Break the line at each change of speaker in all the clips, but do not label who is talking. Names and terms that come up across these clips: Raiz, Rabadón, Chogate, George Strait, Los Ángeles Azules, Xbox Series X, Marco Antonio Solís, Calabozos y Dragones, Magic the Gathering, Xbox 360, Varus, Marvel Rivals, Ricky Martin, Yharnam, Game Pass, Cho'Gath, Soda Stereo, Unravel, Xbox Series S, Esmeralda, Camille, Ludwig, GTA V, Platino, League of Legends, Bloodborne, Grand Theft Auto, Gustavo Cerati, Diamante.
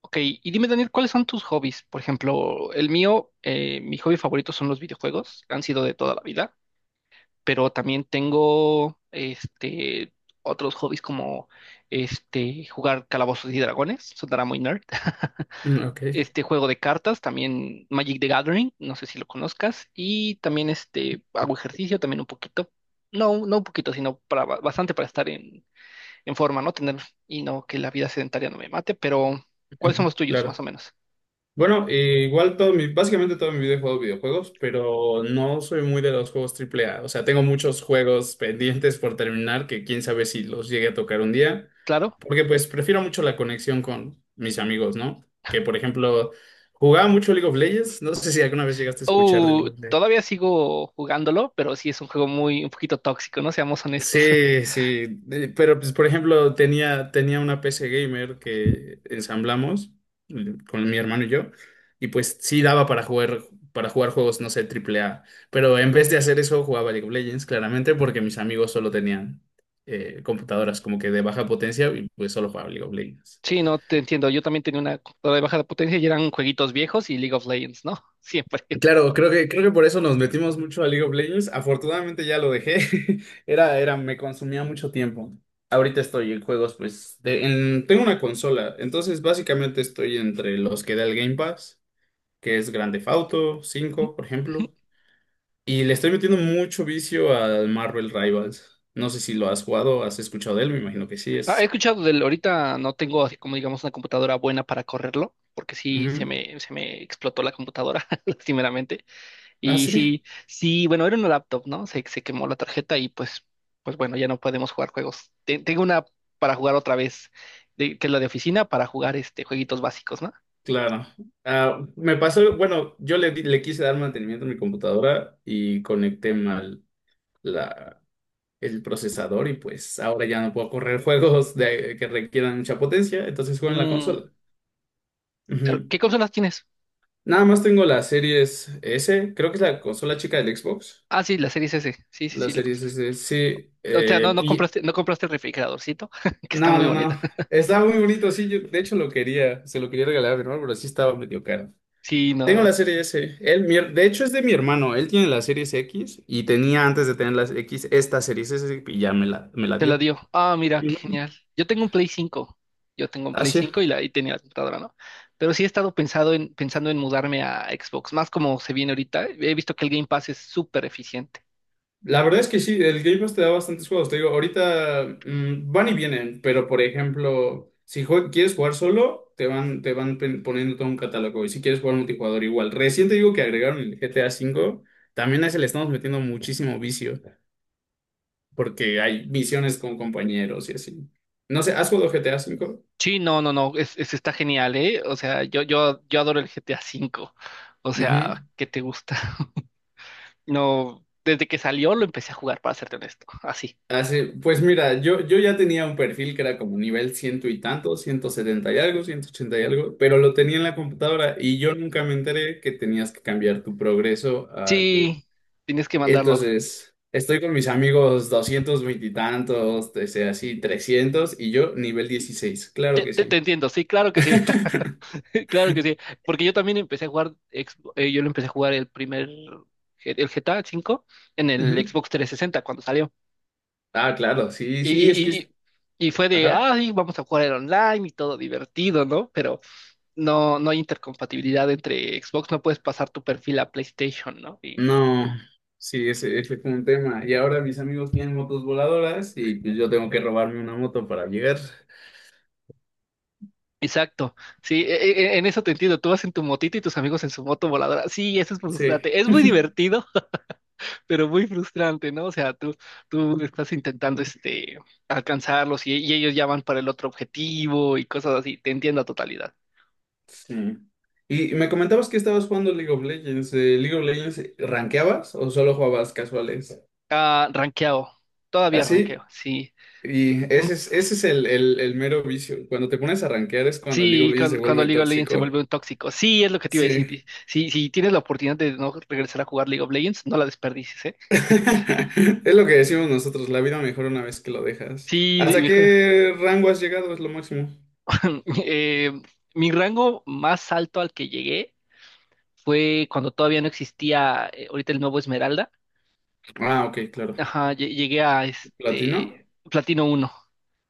Ok, y dime Daniel, ¿cuáles son tus hobbies? Por ejemplo, el mío, mi hobby favorito son los videojuegos, han sido de toda la vida, pero también tengo otros hobbies como jugar Calabozos y Dragones, sonará muy nerd.
Mm, ok,
Este juego de cartas, también Magic the Gathering, no sé si lo conozcas, y también hago ejercicio también un poquito. No, no un poquito, sino para bastante para estar en forma, ¿no? Tener y no que la vida sedentaria no me mate, pero ¿cuáles son los tuyos, más o
claro.
menos?
Bueno, igual básicamente todo mi vida he jugado videojuegos, pero no soy muy de los juegos triple A. O sea, tengo muchos juegos pendientes por terminar que quién sabe si los llegue a tocar un día,
Claro.
porque pues prefiero mucho la conexión con mis amigos, ¿no? Que por ejemplo, jugaba mucho League of Legends. No sé si alguna vez llegaste a escuchar de League of Legends.
Todavía sigo jugándolo, pero sí es un juego muy, un poquito tóxico, ¿no? Seamos honestos.
Sí, sí, pero pues por ejemplo tenía una PC gamer que ensamblamos con mi hermano y yo, y pues sí daba para jugar juegos, no sé, triple A, pero en vez de hacer eso jugaba League of Legends claramente porque mis amigos solo tenían computadoras como que de baja potencia y pues solo jugaba League of Legends.
Sí, no, te entiendo. Yo también tenía una computadora de baja potencia y eran jueguitos viejos y League of Legends, ¿no? Siempre.
Claro, creo que por eso nos metimos mucho a League of Legends. Afortunadamente ya lo dejé. Me consumía mucho tiempo. Ahorita estoy en juegos, pues, tengo una consola. Entonces, básicamente estoy entre los que da el Game Pass, que es Grand Theft Auto V, por ejemplo. Y le estoy metiendo mucho vicio al Marvel Rivals. No sé si lo has jugado, has escuchado de él, me imagino que sí.
Ah, he
Es.
escuchado del, ahorita no tengo así como digamos una computadora buena para correrlo, porque sí se
Ujú.
me, se me explotó la computadora, lastimeramente.
Ah,
Y
sí,
sí, sí, bueno, era una laptop, ¿no? Se quemó la tarjeta y pues bueno, ya no podemos jugar juegos. Tengo una para jugar otra vez, que es la de oficina, para jugar jueguitos básicos, ¿no?
claro. Ah, me pasó, bueno, yo le quise dar mantenimiento a mi computadora y conecté mal la, el procesador, y pues ahora ya no puedo correr juegos de, que requieran mucha potencia, entonces juego en la
Mm,
consola.
pero,
Ujú.
¿qué consolas tienes?
Nada más tengo la Series S, creo que es la consola chica del Xbox.
Ah, sí, la Series S. Sí, sí,
La
sí.
Series S, sí,
O sea, no, no
y
compraste, no compraste el refrigeradorcito, que está
no,
muy
no,
bonito.
no. Está muy bonito, sí. Yo, de hecho, lo quería, se lo quería regalar a mi hermano, pero sí estaba medio caro.
Sí,
Tengo
no.
la serie S. Él, de hecho, es de mi hermano. Él tiene la serie X y tenía antes de tener la X esta serie S y ya me la
Te la
dio.
dio. Ah, mira, qué
Ujú.
genial. Yo tengo un Play cinco. Yo tengo un Play
Así.
5 y, la, y tenía la computadora, ¿no? Pero sí he estado pensado en, pensando en mudarme a Xbox, más como se viene ahorita. He visto que el Game Pass es súper eficiente.
La verdad es que sí, el Game Pass te da bastantes juegos. Te digo, ahorita van y vienen, pero por ejemplo, si quieres jugar solo, te van poniendo todo un catálogo. Y si quieres jugar multijugador, igual. Recién te digo que agregaron el GTA V, también a ese le estamos metiendo muchísimo vicio, porque hay misiones con compañeros y así. No sé, ¿has jugado GTA V?
Sí, no, no, no, es, está genial, ¿eh? O sea, yo adoro el GTA V. O
Ujú.
sea, ¿qué te gusta? No, desde que salió lo empecé a jugar, para serte honesto, así.
Así, pues mira, yo ya tenía un perfil que era como nivel ciento y tanto, 170 y algo, 180 y algo, pero lo tenía en la computadora y yo nunca me enteré que tenías que cambiar tu progreso al del...
Sí, tienes que mandarlo.
Entonces, estoy con mis amigos 220 y tantos, ese, así 300 y yo nivel 16, claro
Te,
que
te, te
sí.
entiendo, sí, claro que sí, claro que sí. Porque yo también empecé a jugar, yo lo empecé a jugar el primer, el GTA V en el
Ujú.
Xbox 360 cuando salió.
Ah, claro, sí,
Y,
sí, es que...
y, y, y
es-
y fue de,
Ajá.
ay, vamos a jugar el online y todo divertido, ¿no? Pero no, no hay intercompatibilidad entre Xbox, no puedes pasar tu perfil a PlayStation, ¿no? Y-
No, sí, ese fue un tema. Y ahora mis amigos tienen motos voladoras y pues yo tengo que robarme una moto para llegar.
exacto, sí, en eso te entiendo, tú vas en tu motito y tus amigos en su moto voladora, sí, eso es
Sí,
frustrante, es muy divertido, pero muy frustrante, ¿no? O sea, tú estás intentando alcanzarlos y ellos ya van para el otro objetivo y cosas así, te entiendo a totalidad.
sí. Y me comentabas que estabas jugando League of Legends. ¿League of Legends rankeabas o solo jugabas casuales?
Ah, ranqueado, todavía ranqueo,
Así.
sí.
Y ese es el mero vicio. Cuando te pones a rankear es cuando el League of
Sí,
Legends se
cuando
vuelve
League of Legends se vuelve
tóxico.
un tóxico. Sí, es lo que te iba a decir.
Sí.
Y si tienes la oportunidad de no regresar a jugar League of Legends, no la desperdicies, ¿eh?
Es lo que decimos nosotros, la vida mejora una vez que lo dejas.
Sí,
¿Hasta
mejor.
qué rango has llegado? Es lo máximo.
Eh, mi rango más alto al que llegué fue cuando todavía no existía, ahorita el nuevo Esmeralda.
Ah, ok, claro.
Ajá, llegué a
¿Platino?
Platino uno.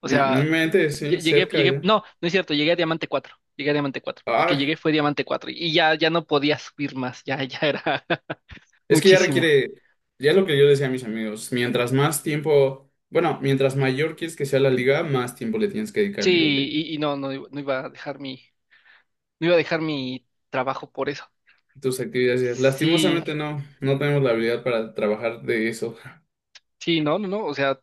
O
No me
sea,
mente, sí, cerca ya.
no, no es cierto, llegué a Diamante cuatro. Llegué a Diamante cuatro. El que
Ah,
llegué fue Diamante cuatro y ya, ya no podía subir más, ya, ya era
es que ya
muchísimo.
requiere, ya es lo que yo decía a mis amigos, mientras más tiempo, bueno, mientras mayor quieres que sea la liga, más tiempo le tienes que dedicar
Sí,
al League of Legends.
y no, no, no iba a dejar mi, no iba a dejar mi trabajo por eso.
Tus actividades diarias.
Sí,
Lastimosamente no, no tenemos la habilidad para trabajar de eso,
sí, no, no, no, o sea,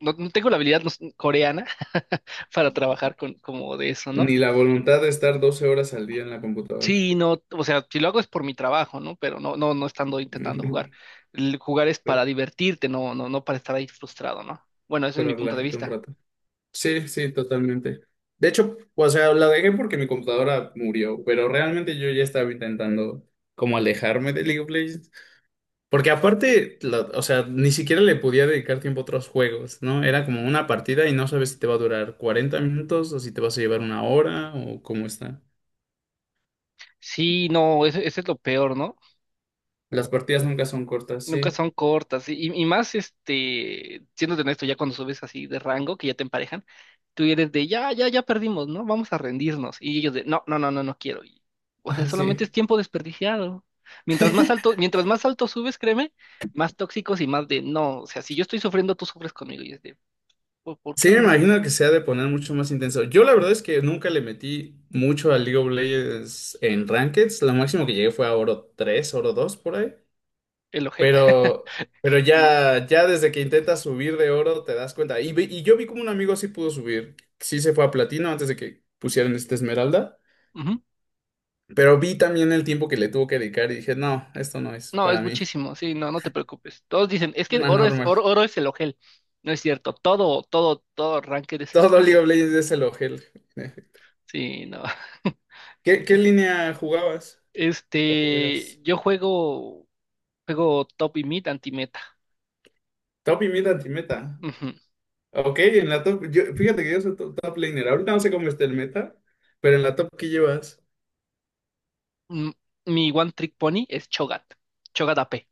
no, no tengo la habilidad no sé, coreana para trabajar con, como de eso, ¿no?
ni la voluntad de estar 12 horas al día en la computadora,
Sí, no, o sea, si lo hago es por mi trabajo, ¿no? Pero no, no, no estando intentando jugar. El jugar es para divertirte, no, no, no para estar ahí frustrado, ¿no? Bueno, ese es mi
para
punto de
relajarte un
vista.
rato. Sí, sí, totalmente. De hecho, o sea, la dejé porque mi computadora murió, pero realmente yo ya estaba intentando como alejarme de League of Legends. Porque aparte, o sea, ni siquiera le podía dedicar tiempo a otros juegos, ¿no? Era como una partida y no sabes si te va a durar 40 minutos o si te vas a llevar una hora o cómo está.
Sí, no, ese es lo peor, ¿no?
Las partidas nunca son cortas,
Nunca
sí.
son cortas. Y más, siendo honesto, ya cuando subes así de rango, que ya te emparejan, tú eres de, ya, ya, ya perdimos, ¿no? Vamos a rendirnos. Y ellos de, no, no, no, no, no quiero. Y, o sea,
Ah,
solamente
sí.
es tiempo desperdiciado. Mientras más alto subes, créeme, más tóxicos y más de, no, o sea, si yo estoy sufriendo, tú sufres conmigo. Y es de, por
Sí,
qué,
me
no?
imagino que se ha de poner mucho más intenso. Yo la verdad es que nunca le metí mucho al League of Legends en Rankeds. Lo máximo que llegué fue a oro 3, oro 2 por ahí.
El ojel.
Pero, pero ya desde que intentas subir de oro te das cuenta. Y, y yo vi como un amigo sí pudo subir. Sí se fue a platino antes de que pusieran esta esmeralda.
Ujú.
Pero vi también el tiempo que le tuvo que dedicar y dije, no, esto no es
No,
para
es
mí.
muchísimo, sí, no, no te preocupes. Todos dicen, es que
Una
oro es,
normal.
oro, oro es el ojel. No es cierto, todo, todo, todo ranked es el
Todo
ojel.
League of Legends es el ojel, en efecto.
Sí, no.
¿Qué línea jugabas o juegas?
Yo juego, juego top y mid anti-meta.
Top y mid anti-meta.
Ujú.
Ok, en la top. Yo, fíjate que yo soy top, top laner. Ahorita no sé cómo está el meta, pero en la top que llevas.
Mm, Mi one trick pony es Chogat. Chogat AP.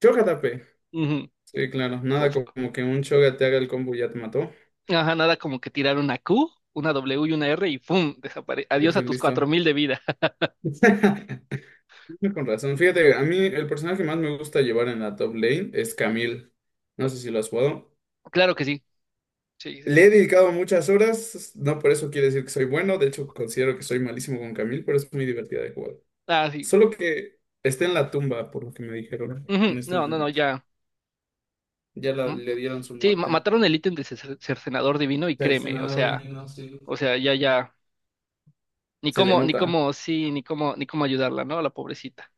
Choca tape.
Ujú.
Sí, claro.
Fu-
Nada
fu-
como que un Choga te haga el combo y ya te mató.
Ajá, nada como que tirar una Q, una W y una R y ¡pum! Desaparece.
Y
Adiós a
pues
tus cuatro
listo.
mil de vida.
Con razón. Fíjate, a mí el personaje que más me gusta llevar en la top lane es Camille. No sé si lo has jugado.
Claro que sí. Sí, sí,
Le
sí.
he dedicado muchas horas. No por eso quiere decir que soy bueno. De hecho, considero que soy malísimo con Camille, pero es muy divertida de jugar.
Ah, sí.
Solo que está en la tumba, por lo que me dijeron en
Ujú.
este
No, no, no,
momento.
ya.
Ya
Mm.
le dieron su
Sí,
muerte.
mataron el ítem de cercenador divino y créeme,
Cercenador de niños, y
ya, ya. Ni
se le
cómo, ni
nota.
cómo, sí, ni cómo, ni cómo ayudarla, ¿no? A la pobrecita,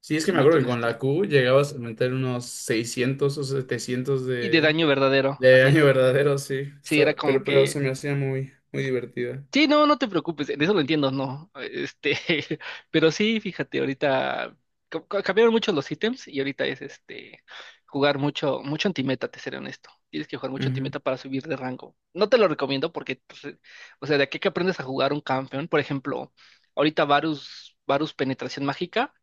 Sí, es que me
siéndote
acuerdo que con
honesto.
la Q llegabas a meter unos 600 o 700
Y de
de,
daño verdadero, así es.
año verdadero, sí.
Sí, era como
Pero, se
que.
me hacía muy, muy divertida.
Sí, no, no te preocupes, en eso lo entiendo, no. Pero sí, fíjate, ahorita cambiaron mucho los ítems y ahorita es jugar mucho, mucho antimeta, te seré honesto. Tienes que jugar mucho
Ujú.
antimeta para subir de rango. No te lo recomiendo porque, pues, o sea, de aquí que aprendes a jugar un campeón, por ejemplo, ahorita Varus, Varus Penetración Mágica,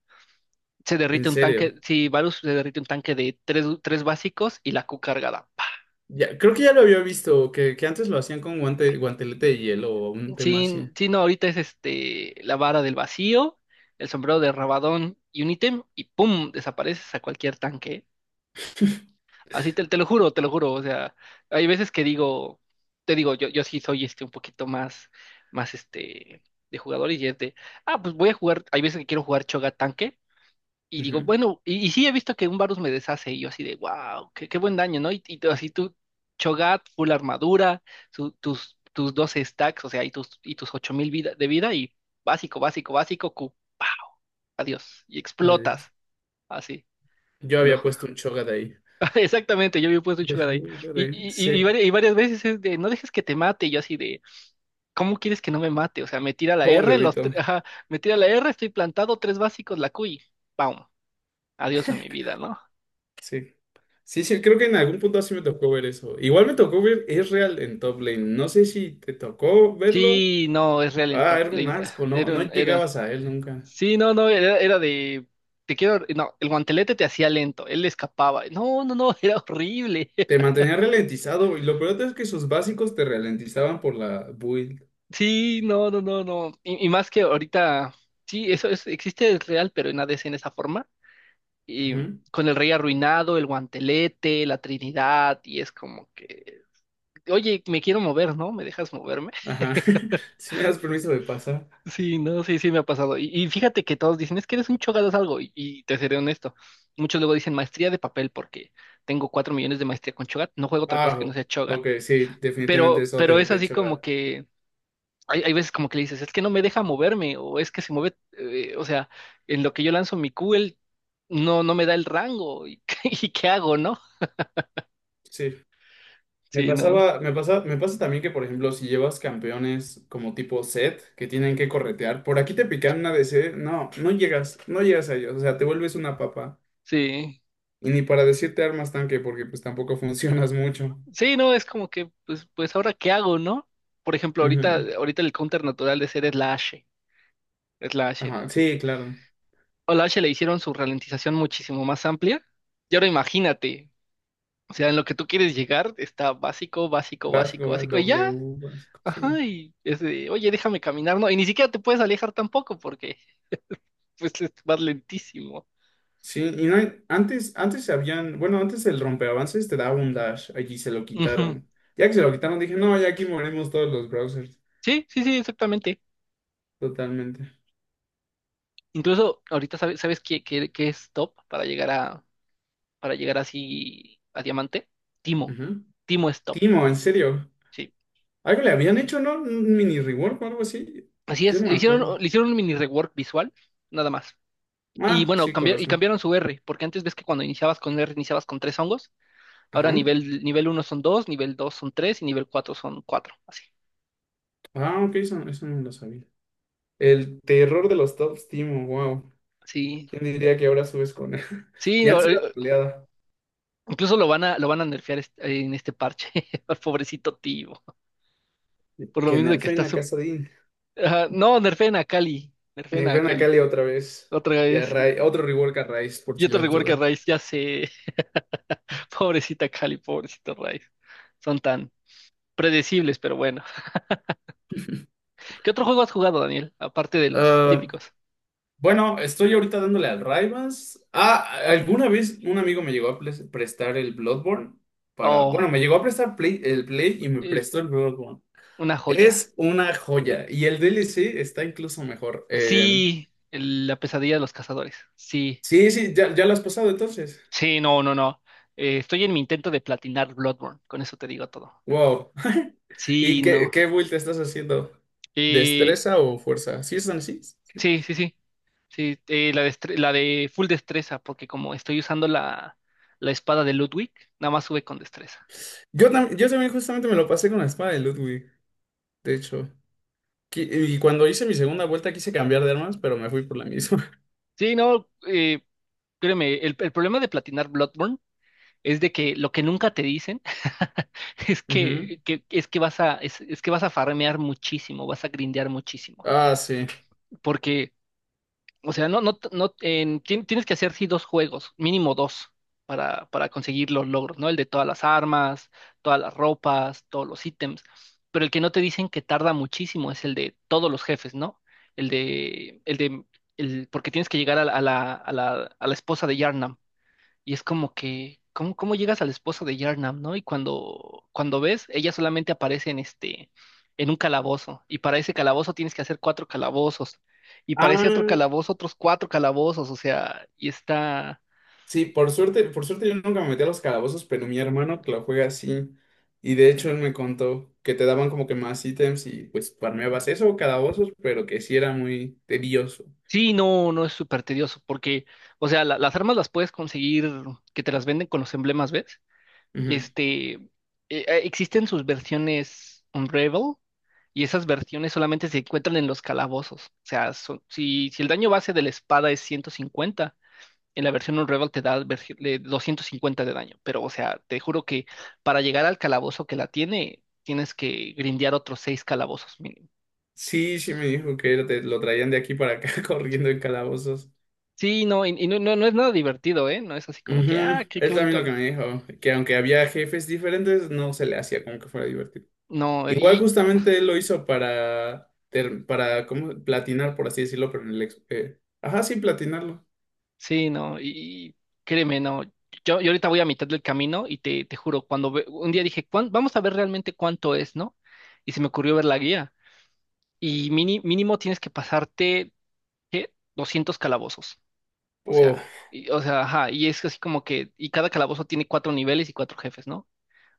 se
En
derrite un
serio.
tanque, si Varus se derrite un tanque de tres, tres básicos y la Q cargada.
Ya, creo que ya lo había visto, que antes lo hacían con guante, guantelete de hielo o un tema así.
Sí, sí, no, ahorita es la vara del vacío, el sombrero de Rabadón y un ítem, y ¡pum! Desapareces a cualquier tanque. Así te lo juro, te lo juro. O sea, hay veces que digo, te digo, yo sí soy un poquito más, más de jugador y es de, ah, pues voy a jugar, hay veces que quiero jugar Choga tanque, y digo,
Ujú.
bueno, y sí he visto que un Varus me deshace, y yo así de, wow, qué buen daño, ¿no? Y tú así tú, Cho'Gath, full armadura, tus 12 stacks, o sea, y tus 8.000 vida, de vida, y básico, básico, básico, Q, ¡pau! Adiós, y
Ay, Dios.
explotas, así,
Yo
te lo
había
juro.
puesto un Chogat ahí.
Exactamente, yo había puesto un Cho'Gath ahí. Y, y, y, y
Sí.
varias, y varias veces es de, no dejes que te mate, y yo así de, ¿cómo quieres que no me mate? O sea, me tira la
¿Cómo lo
R,
evito?
ajá, me tira la R, estoy plantado, tres básicos, la Q, y ¡pam! Adiós a mi vida, ¿no?
Sí. Sí, sí, creo que en algún punto sí me tocó ver eso. Igual me tocó ver real en top lane. No sé si te tocó verlo.
Sí, no, es real en
Ah,
top
era un
lane.
asco,
Ah.
no, no llegabas a él nunca.
Sí, no, no, era de. Te quiero. No, el guantelete te hacía lento, él escapaba. No, no, no, era horrible.
Te mantenía ralentizado y lo peor es que sus básicos te ralentizaban por la build.
Sí, no, no, no, no. Y más que ahorita. Sí, eso es, existe, es real, pero en ADC en esa forma. Y
Ujú.
con el rey arruinado, el guantelete, la Trinidad, y es como que. Oye, me quiero mover, ¿no? ¿Me dejas moverme?
Ajá. Si me das permiso de pasar.
Sí, no, sí, sí me ha pasado. Y fíjate que todos dicen, es que eres un chogadas algo, y te seré honesto. Muchos luego dicen maestría de papel porque tengo 4 millones de maestría con Chogat, no juego otra cosa que no
Ah,
sea Chogat.
ok, sí, definitivamente es
Pero es
OTP,
así como
chocar.
que hay veces como que le dices, es que no me deja moverme, o es que se mueve, o sea, en lo que yo lanzo mi Q, él no, no me da el rango, y, y qué hago, ¿no?
Sí. Me
Sí, no,
pasaba, me pasa, me pasa también que, por ejemplo, si llevas campeones como tipo set que tienen que corretear, por aquí te pican una DC, no, no llegas a ellos, o sea, te vuelves una papa.
sí.
Y ni para decirte armas tanque, porque pues tampoco funcionas mucho.
Sí, no, es como que, pues, pues ahora qué hago, ¿no? Por ejemplo, ahorita,
Ujú.
ahorita el counter natural de ser es la H. Es la H.
Ajá, sí, claro.
O la H le hicieron su ralentización muchísimo más amplia. Y ahora imagínate, o sea, en lo que tú quieres llegar está básico, básico,
Básico,
básico,
va,
básico, y ya,
W, básico, sí.
ajá, y es de, oye, déjame caminar, no, y ni siquiera te puedes alejar tampoco porque pues vas lentísimo.
Sí, y no hay- antes habían, bueno, antes el rompeavances te daba un dash, allí se lo
Ujú.
quitaron. Ya que se lo quitaron, dije, no, ya aquí morimos todos los browsers,
Sí, sí, sí, exactamente.
totalmente.
Incluso ahorita sabes, ¿sabes qué es top para llegar a, para llegar así a diamante? Timo.
Ujú.
Timo es top.
Timo, en serio.
Sí.
Algo le habían hecho, ¿no? Un mini rework o algo así.
Así
Yo
es,
no me acuerdo.
le hicieron un mini rework visual, nada más. Y
Ah,
bueno,
sí,
cambiar, y
corazón.
cambiaron su R, porque antes ves que cuando iniciabas con R iniciabas con tres hongos, ahora
Ajá.
nivel, nivel uno son dos, nivel 2 son tres y nivel cuatro son cuatro, así.
Ah, ok, eso, eso no lo sabía. El terror de los top team, wow.
Sí,
¿Quién diría que ahora subes con él?
sí,
Ya antes era troleada.
incluso lo van a nerfear en este parche, al pobrecito tío, por lo
Que
mismo de que
nerfeen
está
a
su...
Casadin.
Ajá, no, nerfeen a
Nerfeen a
Cali,
Cali otra vez.
otra
Y a
vez, y
Otro rework a Raiz, por si
otro
las
rework a
dudas.
Rice, ya sé, pobrecita Cali, pobrecito Rice, son tan predecibles, pero bueno. ¿Qué otro juego has jugado, Daniel, aparte de los
Ah,
típicos?
bueno, estoy ahorita dándole al Raivas. Ah, alguna vez un amigo me llegó a prestar el Bloodborne para. Bueno,
Oh.
me llegó a prestar el Play y me
el
prestó el Bloodborne.
Una joya.
Es una joya y el DLC está incluso mejor. Eh,
Sí, la pesadilla de los cazadores. Sí,
sí, sí, ya, ya lo has pasado entonces.
sí, no, no, no. Estoy en mi intento de platinar Bloodborne, con eso te digo todo.
Wow.
Sí,
¿Y qué,
no.
qué build te estás haciendo?
Eh,
¿Destreza o fuerza? ¿Sí están así?
sí, sí, sí. Sí, la de full destreza, porque como estoy usando la espada de Ludwig, nada más sube con destreza.
Yo, yo también justamente me lo pasé con la espada de Ludwig, de hecho. Y cuando hice mi segunda vuelta quise cambiar de armas, pero me fui por la misma.
Sí, no, créeme, el problema de platinar Bloodborne es de que lo que nunca te dicen es
Ujú.
que- es que vas a, es que vas a farmear muchísimo, vas a grindear muchísimo.
Ah, sí.
Porque, o sea, no, no, no, tienes que hacer sí dos juegos, mínimo dos, para conseguir los logros, ¿no? El de todas las armas, todas las ropas, todos los ítems, pero el que no te dicen que tarda muchísimo es el de todos los jefes, ¿no? El de, el de, porque tienes que llegar a la esposa de Yharnam. Y es como que, ¿cómo llegas al esposo de Yarnam, no? Y cuando ves, ella solamente aparece en un calabozo. Y para ese calabozo tienes que hacer cuatro calabozos. Y para ese otro
Ah.
calabozo, otros cuatro calabozos. O sea, y está.
Sí, por suerte yo nunca me metí a los calabozos, pero mi hermano que lo juega así. Y de hecho él me contó que te daban como que más ítems y pues farmeabas eso, calabozos, pero que sí era muy tedioso.
Sí, no, no es súper tedioso. Porque, o sea, las armas las puedes conseguir que te las venden con los emblemas, ¿ves?
Ujú.
Este, eh, Existen sus versiones Unravel y esas versiones solamente se encuentran en los calabozos. O sea, si, si el daño base de la espada es 150, en la versión Unravel te da 250 de daño. Pero, o sea, te juro que para llegar al calabozo que la tiene, tienes que grindear otros seis calabozos mínimo.
Sí, sí me dijo que lo, lo traían de aquí para acá corriendo en calabozos.
Sí, no, y no, no, no es nada divertido, ¿eh? No es así como que,
Ujú.
ah, qué
Él también
bonito.
lo que me dijo, que aunque había jefes diferentes, no se le hacía como que fuera divertido.
No,
Igual
y...
justamente él lo hizo para como platinar, por así decirlo, pero ajá, sí, platinarlo.
Sí, no, y créeme, no. Yo ahorita voy a mitad del camino y te juro, un día dije: Vamos a ver realmente cuánto es", ¿no? Y se me ocurrió ver la guía. Y mínimo tienes que pasarte, ¿qué? 200 calabozos. O
Oh.
sea, o sea, ajá, y es así como que, y cada calabozo tiene cuatro niveles y cuatro jefes, ¿no?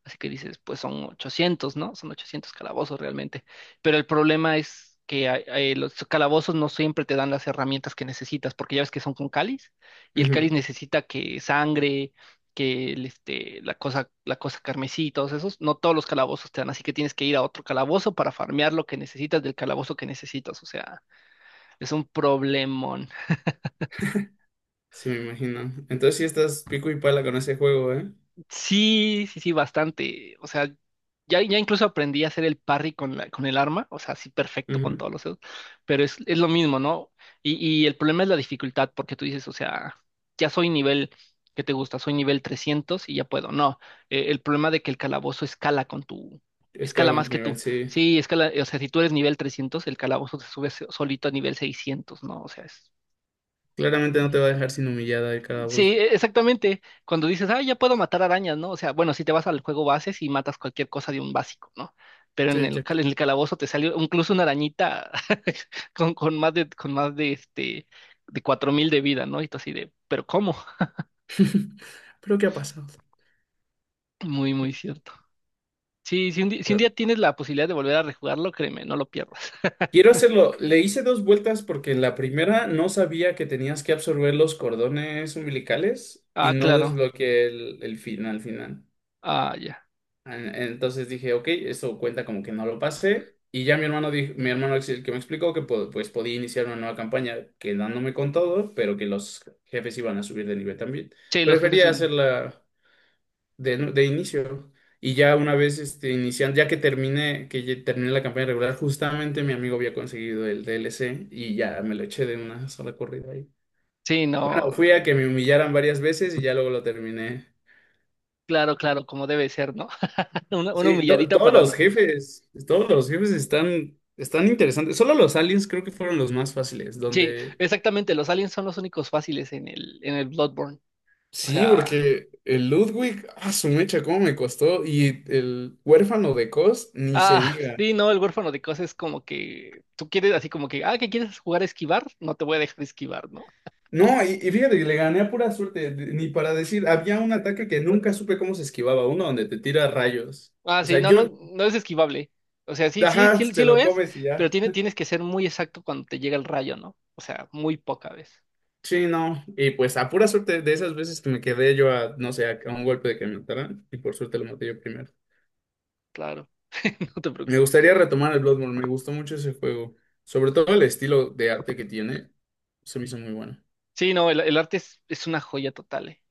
Así que dices, pues son 800, ¿no? Son 800 calabozos realmente. Pero el problema es que los calabozos no siempre te dan las herramientas que necesitas, porque ya ves que son con cáliz, y el cáliz necesita que sangre, que la cosa carmesí y todos esos. No todos los calabozos te dan, así que tienes que ir a otro calabozo para farmear lo que necesitas del calabozo que necesitas. O sea, es un problema.
Sí, me imagino. Entonces sí estás pico y pala con ese juego, ¿eh?
Sí, sí, sí, bastante. O sea, ya incluso aprendí a hacer el parry con con el arma, o sea, sí, perfecto con
Ujú.
todos los dedos, pero es lo mismo, ¿no? Y, y el problema es la dificultad, porque tú dices, o sea, ya soy nivel, ¿que te gusta? Soy nivel 300 y ya puedo. No, el problema de que el calabozo
Es cada
escala más
contra
que
nivel,
tú.
sí.
Sí, escala, o sea, si tú eres nivel 300, el calabozo te sube solito a nivel 600, ¿no? O sea, es...
Claramente no te va a dejar sin humillada el
Sí,
calabozo.
exactamente. Cuando dices: ah, ya puedo matar arañas, ¿no? O sea, bueno, si te vas al juego base y matas cualquier cosa de un básico, ¿no? Pero
Sí, Jack.
en el calabozo te salió incluso una arañita con más de 4.000 de vida, ¿no? Y tú así de, ¿pero cómo?
Pero ¿qué ha pasado?
Muy, muy cierto. Sí, si un
Claro.
día tienes la posibilidad de volver a rejugarlo, créeme, no lo pierdas.
Quiero hacerlo. Le hice dos vueltas porque en la primera no sabía que tenías que absorber los cordones umbilicales y
Ah,
no
claro.
desbloqueé el final final.
Ah, ya.
Entonces dije, ok, eso cuenta como que no lo pasé. Y ya mi hermano, dijo, mi hermano es el que me explicó que pues podía iniciar una nueva campaña quedándome con todo, pero que los jefes iban a subir de nivel también.
Sí, los jefes
Prefería
son...
hacerla de inicio. Y ya una vez este, iniciando, que ya terminé la campaña regular, justamente mi amigo había conseguido el DLC y ya me lo eché de una sola corrida ahí.
Sí, no,
Bueno, fui a que me humillaran varias veces y ya luego lo terminé.
claro, claro, como debe ser, ¿no? Una
Sí,
humilladita
todos
para...
los jefes, todos los jefes están interesantes. Solo los aliens creo que fueron los más fáciles,
Sí,
donde...
exactamente. Los aliens son los únicos fáciles en el Bloodborne. O
Sí,
sea,
porque el Ludwig, ah, su mecha, cómo me costó. Y el huérfano de Cos, ni se
ah,
diga.
sí, no, el huérfano de cosas es como que tú quieres así como que, ah, que quieres jugar a esquivar, no te voy a dejar esquivar, ¿no?
No, y fíjate que le gané a pura suerte, ni para decir, había un ataque que nunca supe cómo se esquivaba, uno donde te tira rayos.
Ah,
O
sí,
sea,
no,
yo,
no, no es esquivable. O sea, sí, sí,
ajá,
sí, sí
te
lo
lo
es,
comes y
pero
ya.
tienes que ser muy exacto cuando te llega el rayo, ¿no? O sea, muy poca vez.
Sí, no. Y pues a pura suerte de esas veces que me quedé yo a, no sé, a, un golpe de que me mataran, y por suerte lo maté yo primero.
Claro, no te
Me
preocupes.
gustaría retomar el Bloodborne, me gustó mucho ese juego. Sobre todo el estilo de arte que tiene, se me hizo muy bueno.
Sí, no, el arte es una joya total, ¿eh?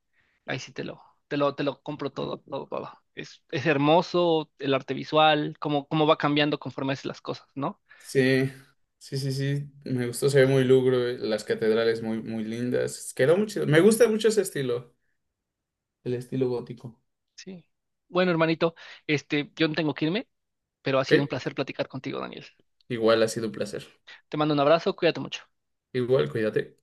Ahí sí te lo compro todo, todo, todo. Es hermoso el arte visual, cómo va cambiando conforme haces las cosas, ¿no?
Sí, sí, sí, sí, me gustó, se ve muy lugro, las catedrales muy, muy lindas. Quedó muy chido. Me gusta mucho ese estilo, el estilo gótico.
Sí. Bueno, hermanito, yo no tengo que irme, pero ha
Ok,
sido un placer platicar contigo, Daniel.
igual ha sido un placer.
Te mando un abrazo, cuídate mucho.
Igual, cuídate.